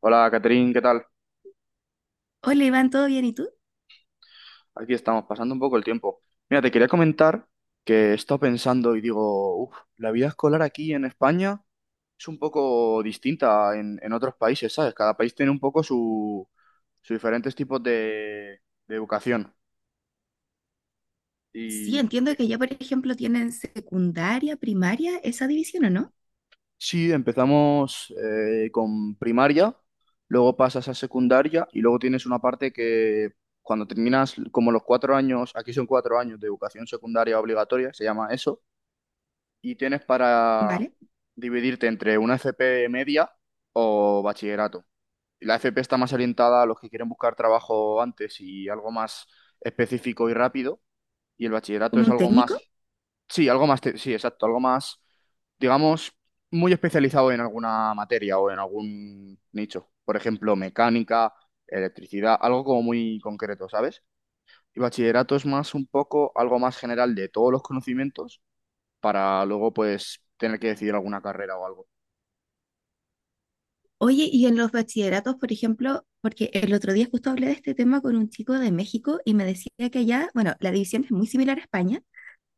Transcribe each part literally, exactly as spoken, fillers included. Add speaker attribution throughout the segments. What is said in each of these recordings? Speaker 1: Hola, Catherine, ¿qué tal?
Speaker 2: Hola Iván, ¿todo bien? ¿Y tú?
Speaker 1: Aquí estamos, pasando un poco el tiempo. Mira, te quería comentar que he estado pensando y digo, "Uf, la vida escolar aquí en España es un poco distinta en, en otros países, ¿sabes? Cada país tiene un poco su, sus diferentes tipos de, de educación.
Speaker 2: Sí,
Speaker 1: Y
Speaker 2: entiendo
Speaker 1: eh,
Speaker 2: que ya, por ejemplo, tienen secundaria, primaria, esa división, ¿o no?
Speaker 1: sí, empezamos eh, con primaria, luego pasas a secundaria y luego tienes una parte que cuando terminas como los cuatro años, aquí son cuatro años de educación secundaria obligatoria, se llama eso y tienes para
Speaker 2: ¿Vale?
Speaker 1: dividirte entre una F P media o bachillerato. La F P está más orientada a los que quieren buscar trabajo antes y algo más específico y rápido, y el bachillerato
Speaker 2: Como
Speaker 1: es
Speaker 2: un
Speaker 1: algo
Speaker 2: técnico.
Speaker 1: más, sí, algo más, te- sí, exacto, algo más, digamos, muy especializado en alguna materia o en algún nicho. Por ejemplo, mecánica, electricidad, algo como muy concreto, ¿sabes? Y bachillerato es más un poco algo más general de todos los conocimientos para luego pues tener que decidir alguna carrera o algo.
Speaker 2: Oye, y en los bachilleratos, por ejemplo, porque el otro día justo hablé de este tema con un chico de México y me decía que allá, bueno, la división es muy similar a España.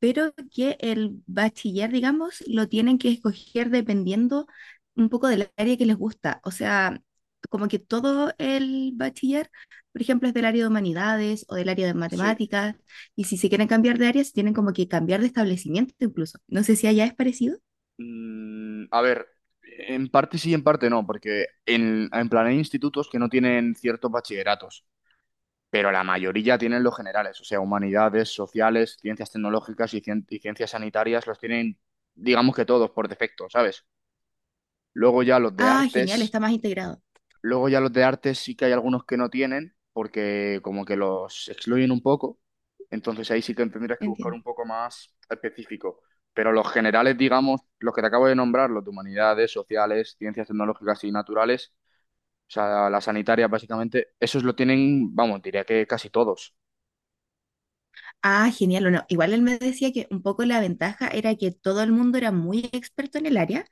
Speaker 2: Pero que el bachiller, digamos, lo tienen que escoger dependiendo un poco del área que les gusta. O sea, como que todo el bachiller, por ejemplo, es del área de humanidades o del área de
Speaker 1: Sí.
Speaker 2: matemáticas, y si se quieren cambiar de área, se tienen como que cambiar de establecimiento incluso. No sé si allá es parecido.
Speaker 1: Mm, a ver, en parte sí, en parte no, porque en, en plan hay institutos que no tienen ciertos bachilleratos, pero la mayoría tienen los generales, o sea, humanidades, sociales, ciencias tecnológicas y, cien- y ciencias sanitarias los tienen, digamos que todos por defecto, ¿sabes? Luego ya los de
Speaker 2: Ah, genial,
Speaker 1: artes.
Speaker 2: está más integrado.
Speaker 1: Luego ya los de arte sí que hay algunos que no tienen, porque como que los excluyen un poco. Entonces ahí sí que tendrías que buscar un
Speaker 2: Entiendo.
Speaker 1: poco más específico. Pero los generales, digamos, los que te acabo de nombrar, los de humanidades, sociales, ciencias tecnológicas y naturales, o sea, las sanitarias básicamente, esos lo tienen, vamos, diría que casi todos.
Speaker 2: Ah, genial, o no. Igual él me decía que un poco la ventaja era que todo el mundo era muy experto en el área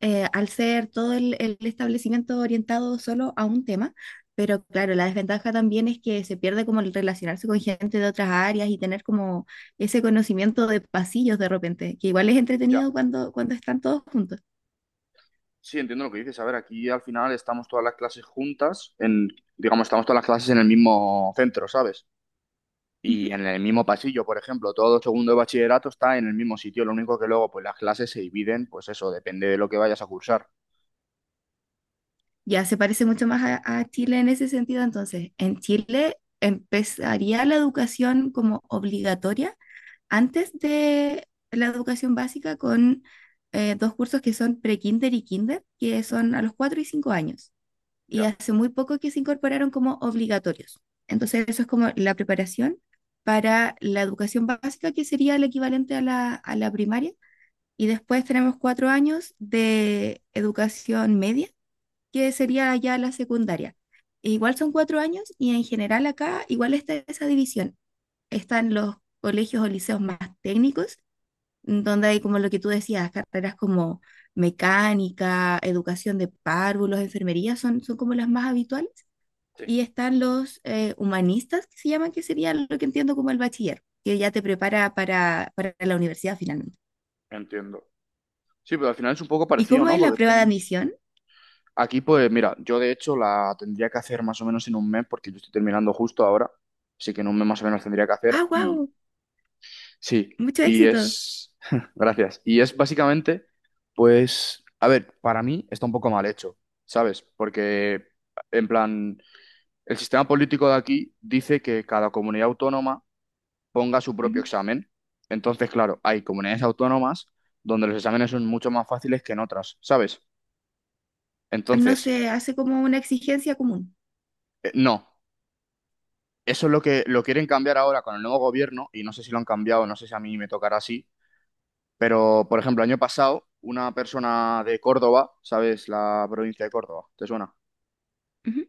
Speaker 2: eh, al ser todo el, el establecimiento orientado solo a un tema, pero claro, la desventaja también es que se pierde como el relacionarse con gente de otras áreas y tener como ese conocimiento de pasillos de repente, que igual es
Speaker 1: Ya.
Speaker 2: entretenido cuando, cuando están todos juntos.
Speaker 1: Sí, entiendo lo que dices. A ver, aquí al final estamos todas las clases juntas, en, digamos, estamos todas las clases en el mismo centro, ¿sabes? Y
Speaker 2: Ujú.
Speaker 1: en el mismo pasillo, por ejemplo, todo segundo de bachillerato está en el mismo sitio, lo único que luego pues las clases se dividen, pues eso, depende de lo que vayas a cursar.
Speaker 2: Ya se parece mucho más a, a Chile en ese sentido, entonces, en Chile empezaría la educación como obligatoria antes de la educación básica con eh, dos cursos que son pre-kinder y kinder, que
Speaker 1: Ujú,
Speaker 2: son a los cuatro y cinco años. Y
Speaker 1: ya,
Speaker 2: hace muy poco que se incorporaron como obligatorios. Entonces, eso es como la preparación para la educación básica, que sería el equivalente a la, a la primaria. Y después tenemos cuatro años de educación media, que sería ya la secundaria. Igual son cuatro años y en general acá igual está esa división. Están los colegios o liceos más técnicos donde hay como lo que tú decías, carreras como mecánica, educación de párvulos, enfermería, son, son como las más habituales.
Speaker 1: sí,
Speaker 2: Y están los eh, humanistas, que se llaman, que sería lo que entiendo como el bachiller, que ya te prepara para, para la universidad finalmente.
Speaker 1: entiendo. Sí, pero al final es un poco
Speaker 2: ¿Y
Speaker 1: parecido,
Speaker 2: cómo
Speaker 1: ¿no?
Speaker 2: es la
Speaker 1: Porque
Speaker 2: prueba de
Speaker 1: tienes...
Speaker 2: admisión?
Speaker 1: Aquí, pues mira, yo de hecho la tendría que hacer más o menos en un mes, porque yo estoy terminando justo ahora, así que en un mes más o menos tendría que hacer
Speaker 2: Ah,
Speaker 1: y
Speaker 2: wow,
Speaker 1: sí,
Speaker 2: mucho
Speaker 1: y
Speaker 2: éxito.
Speaker 1: es... Gracias. Y es básicamente, pues, a ver, para mí está un poco mal hecho, ¿sabes? Porque, en plan... El sistema político de aquí dice que cada comunidad autónoma ponga su propio
Speaker 2: Ujú.
Speaker 1: examen. Entonces, claro, hay comunidades autónomas donde los exámenes son mucho más fáciles que en otras, ¿sabes?
Speaker 2: No
Speaker 1: Entonces,
Speaker 2: se hace como una exigencia común.
Speaker 1: eh, no. Eso es lo que lo quieren cambiar ahora con el nuevo gobierno y no sé si lo han cambiado, no sé si a mí me tocará así, pero por ejemplo, el año pasado una persona de Córdoba, ¿sabes? La provincia de Córdoba, ¿te suena?
Speaker 2: Ujú.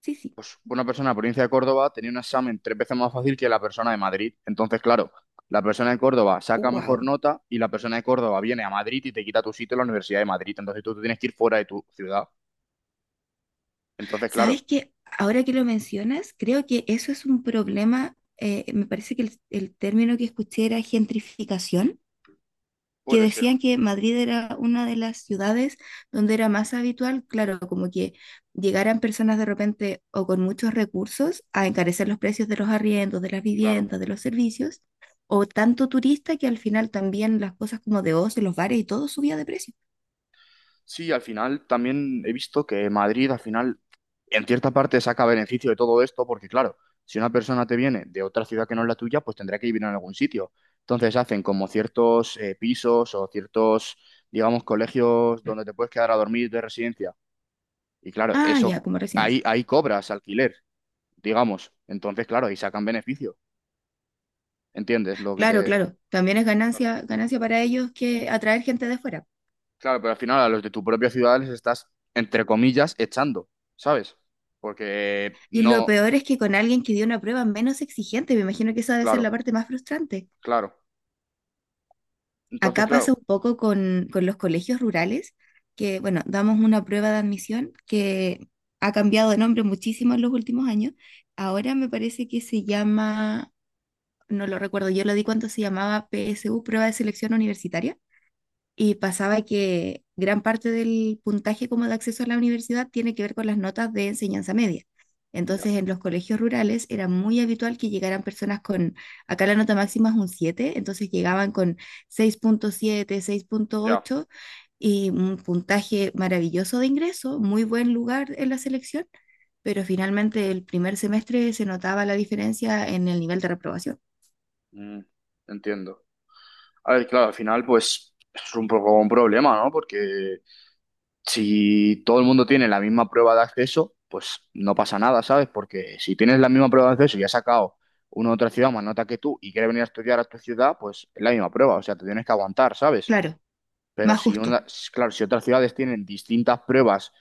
Speaker 2: Sí, sí.
Speaker 1: Pues una persona de la provincia de Córdoba tenía un examen tres veces más fácil que la persona de Madrid. Entonces, claro, la persona de Córdoba saca mejor
Speaker 2: Wow.
Speaker 1: nota y la persona de Córdoba viene a Madrid y te quita tu sitio en la Universidad de Madrid. Entonces tú te tienes que ir fuera de tu ciudad. Entonces, claro,
Speaker 2: ¿Sabes qué? Ahora que lo mencionas, creo que eso es un problema. Eh, me parece que el, el término que escuché era gentrificación, que
Speaker 1: puede ser,
Speaker 2: decían que Madrid era una de las ciudades donde era más habitual, claro, como que llegaran personas de repente o con muchos recursos a encarecer los precios de los arriendos, de las
Speaker 1: claro.
Speaker 2: viviendas, de los servicios, o tanto turista que al final también las cosas como de ocio, los bares y todo subía de precio.
Speaker 1: Sí, al final también he visto que Madrid al final en cierta parte saca beneficio de todo esto porque claro, si una persona te viene de otra ciudad que no es la tuya, pues tendrá que vivir en algún sitio. Entonces hacen como ciertos eh, pisos o ciertos, digamos, colegios donde te puedes quedar a dormir de residencia. Y claro,
Speaker 2: Ah,
Speaker 1: eso
Speaker 2: ya, como residencia.
Speaker 1: ahí, ahí cobras alquiler, digamos. Entonces, claro, ahí sacan beneficio. ¿Entiendes lo que
Speaker 2: Claro,
Speaker 1: te...
Speaker 2: claro. También es
Speaker 1: Claro,
Speaker 2: ganancia, ganancia para ellos que atraer gente de fuera.
Speaker 1: claro, pero al final a los de tu propia ciudad les estás, entre comillas, echando, ¿sabes? Porque
Speaker 2: Y lo
Speaker 1: no...
Speaker 2: peor es que con alguien que dio una prueba menos exigente, me imagino que esa debe ser
Speaker 1: Claro,
Speaker 2: la parte más frustrante.
Speaker 1: claro. Entonces,
Speaker 2: Acá pasa
Speaker 1: claro,
Speaker 2: un poco con, con los colegios rurales, que bueno, damos una prueba de admisión que ha cambiado de nombre muchísimo en los últimos años. Ahora me parece que se llama, no lo recuerdo, yo lo di cuando se llamaba P S U, prueba de selección universitaria. Y pasaba que gran parte del puntaje como de acceso a la universidad tiene que ver con las notas de enseñanza media.
Speaker 1: ya,
Speaker 2: Entonces, en los colegios rurales era muy habitual que llegaran personas con, acá la nota máxima es un siete, entonces llegaban con seis seis punto siete, seis punto
Speaker 1: ya,
Speaker 2: ocho y un puntaje maravilloso de ingreso, muy buen lugar en la selección, pero finalmente el primer semestre se notaba la diferencia en el nivel de reprobación.
Speaker 1: mm, entiendo. A ver, claro, al final, pues es un poco un problema, ¿no? Porque si todo el mundo tiene la misma prueba de acceso, pues no pasa nada, ¿sabes? Porque si tienes la misma prueba de acceso y has sacado una otra ciudad más nota que tú y quiere venir a estudiar a tu ciudad, pues es la misma prueba, o sea, te tienes que aguantar, ¿sabes?
Speaker 2: Claro,
Speaker 1: Pero
Speaker 2: más
Speaker 1: si
Speaker 2: justo.
Speaker 1: una, claro, si otras ciudades tienen distintas pruebas,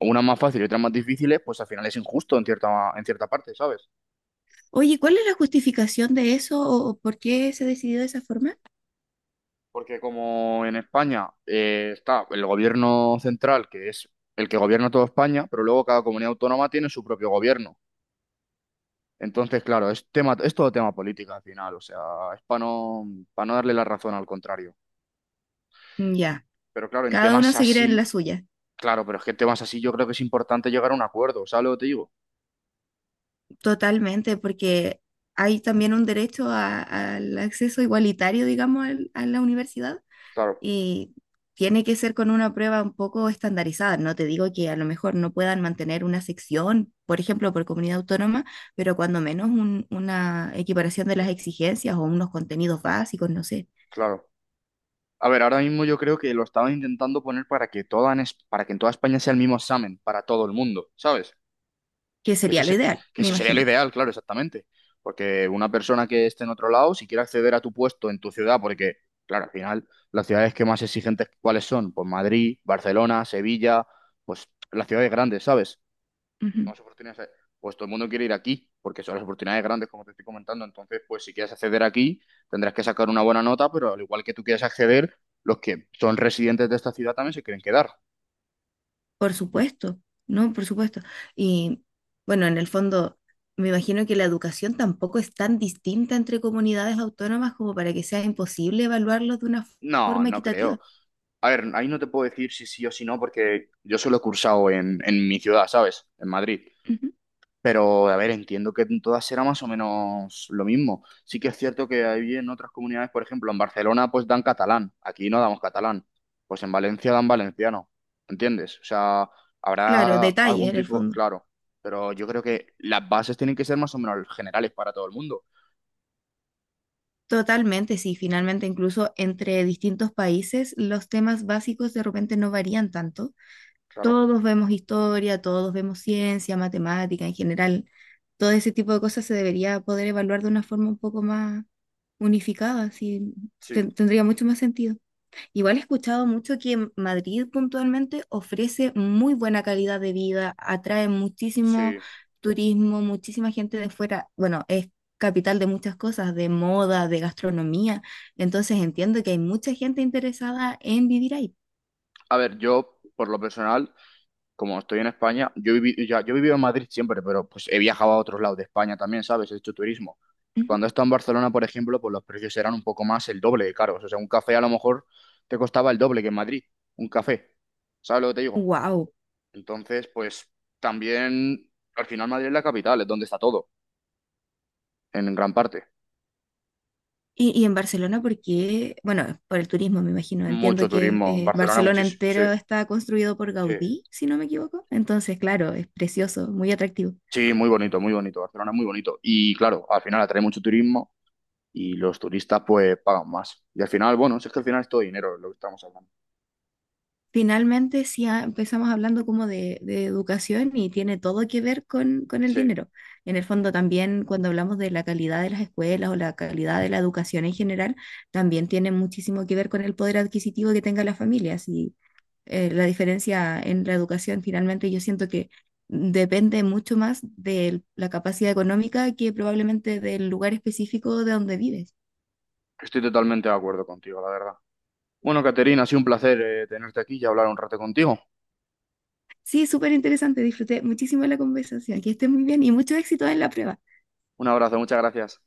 Speaker 1: unas más fáciles y otras más difíciles, pues al final es injusto en cierta, en cierta parte, ¿sabes?
Speaker 2: Oye, ¿cuál es la justificación de eso o, o por qué se decidió de esa forma?
Speaker 1: Porque como en España eh, está el gobierno central, que es el que gobierna toda España, pero luego cada comunidad autónoma tiene su propio gobierno. Entonces, claro, es tema, es todo tema política al final, o sea, es para no, para no darle la razón al contrario.
Speaker 2: Ya,
Speaker 1: Pero claro, en
Speaker 2: cada uno
Speaker 1: temas
Speaker 2: seguirá en la
Speaker 1: así,
Speaker 2: suya,
Speaker 1: claro, pero es que en temas así yo creo que es importante llegar a un acuerdo, ¿sabes lo que te digo?
Speaker 2: totalmente, porque hay también un derecho a- al acceso igualitario, digamos, al- a la universidad
Speaker 1: Claro,
Speaker 2: y tiene que ser con una prueba un poco estandarizada. No te digo que a lo mejor no puedan mantener una sección, por ejemplo, por comunidad autónoma, pero cuando menos un- una equiparación de las exigencias o unos contenidos básicos, no sé,
Speaker 1: claro. A ver, ahora mismo yo creo que lo estaban intentando poner para que toda en es- para que en toda España sea el mismo examen para todo el mundo, ¿sabes?
Speaker 2: que
Speaker 1: Que eso,
Speaker 2: sería lo
Speaker 1: se-
Speaker 2: ideal,
Speaker 1: que
Speaker 2: me
Speaker 1: eso sería lo
Speaker 2: imagino.
Speaker 1: ideal, claro, exactamente. Porque una persona que esté en otro lado, si quiere acceder a tu puesto en tu ciudad, porque, claro, al final, las ciudades que más exigentes, ¿cuáles son? Pues Madrid, Barcelona, Sevilla, pues las ciudades grandes, ¿sabes? Más oportunidades hay. Pues todo el mundo quiere ir aquí, porque son las oportunidades grandes, como te estoy comentando. Entonces, pues si quieres acceder aquí, tendrás que sacar una buena nota, pero al igual que tú quieres acceder, los que son residentes de esta ciudad también se quieren quedar.
Speaker 2: Por supuesto, no, por supuesto. Y bueno, en el fondo, me imagino que la educación tampoco es tan distinta entre comunidades autónomas como para que sea imposible evaluarlos de una
Speaker 1: No,
Speaker 2: forma
Speaker 1: no creo.
Speaker 2: equitativa.
Speaker 1: A ver, ahí no te puedo decir si sí o si no, porque yo solo he cursado en, en mi ciudad, ¿sabes? En Madrid.
Speaker 2: Ujú.
Speaker 1: Pero, a ver, entiendo que en todas será más o menos lo mismo. Sí que es cierto que hay en otras comunidades, por ejemplo, en Barcelona, pues dan catalán. Aquí no damos catalán. Pues en Valencia dan valenciano. ¿Entiendes? O sea,
Speaker 2: Claro,
Speaker 1: habrá
Speaker 2: detalle
Speaker 1: algún
Speaker 2: en el
Speaker 1: tipo,
Speaker 2: fondo.
Speaker 1: claro. Pero yo creo que las bases tienen que ser más o menos generales para todo el mundo.
Speaker 2: Totalmente, sí, finalmente incluso entre distintos países los temas básicos de repente no varían tanto.
Speaker 1: Claro.
Speaker 2: Todos vemos historia, todos vemos ciencia, matemática en general. Todo ese tipo de cosas se debería poder evaluar de una forma un poco más unificada, así
Speaker 1: Sí,
Speaker 2: ten- tendría mucho más sentido. Igual he escuchado mucho que Madrid puntualmente ofrece muy buena calidad de vida, atrae muchísimo
Speaker 1: sí.
Speaker 2: turismo, muchísima gente de fuera. Bueno, es capital de muchas cosas, de moda, de gastronomía. Entonces entiendo que hay mucha gente interesada en vivir ahí.
Speaker 1: A ver, yo, por lo personal, como estoy en España, yo he vivi- ya, yo he vivido en Madrid siempre, pero pues he viajado a otros lados de España también, ¿sabes? He hecho turismo. Cuando he estado en Barcelona, por ejemplo, pues los precios eran un poco más el doble de caros. O sea, un café a lo mejor te costaba el doble que en Madrid, un café. ¿Sabes lo que te digo?
Speaker 2: Wow.
Speaker 1: Entonces, pues también, al final Madrid es la capital, es donde está todo, en gran parte.
Speaker 2: Y, y en Barcelona, porque, bueno, por el turismo, me imagino. Entiendo
Speaker 1: Mucho
Speaker 2: que
Speaker 1: turismo,
Speaker 2: eh,
Speaker 1: Barcelona
Speaker 2: Barcelona
Speaker 1: muchísimo, sí,
Speaker 2: entero está construido por
Speaker 1: sí.
Speaker 2: Gaudí, si no me equivoco. Entonces, claro, es precioso, muy atractivo.
Speaker 1: Sí, muy bonito, muy bonito, Barcelona es muy bonito. Y claro, al final atrae mucho turismo y los turistas pues pagan más. Y al final, bueno, si es que al final es todo dinero lo que estamos hablando.
Speaker 2: Finalmente, sí, ah, empezamos hablando como de, de educación y tiene todo que ver con, con el
Speaker 1: Sí,
Speaker 2: dinero. En el fondo, también cuando hablamos de la calidad de las escuelas o la calidad de la educación en general, también tiene muchísimo que ver con el poder adquisitivo que tenga la familia. Si eh, la diferencia en la educación finalmente yo siento que depende mucho más de la capacidad económica que probablemente del lugar específico de donde vives.
Speaker 1: estoy totalmente de acuerdo contigo, la verdad. Bueno, Caterina, ha sido un placer eh, tenerte aquí y hablar un rato contigo.
Speaker 2: Sí, súper interesante, disfruté muchísimo de la conversación, que estés muy bien y mucho éxito en la prueba.
Speaker 1: Un abrazo, muchas gracias.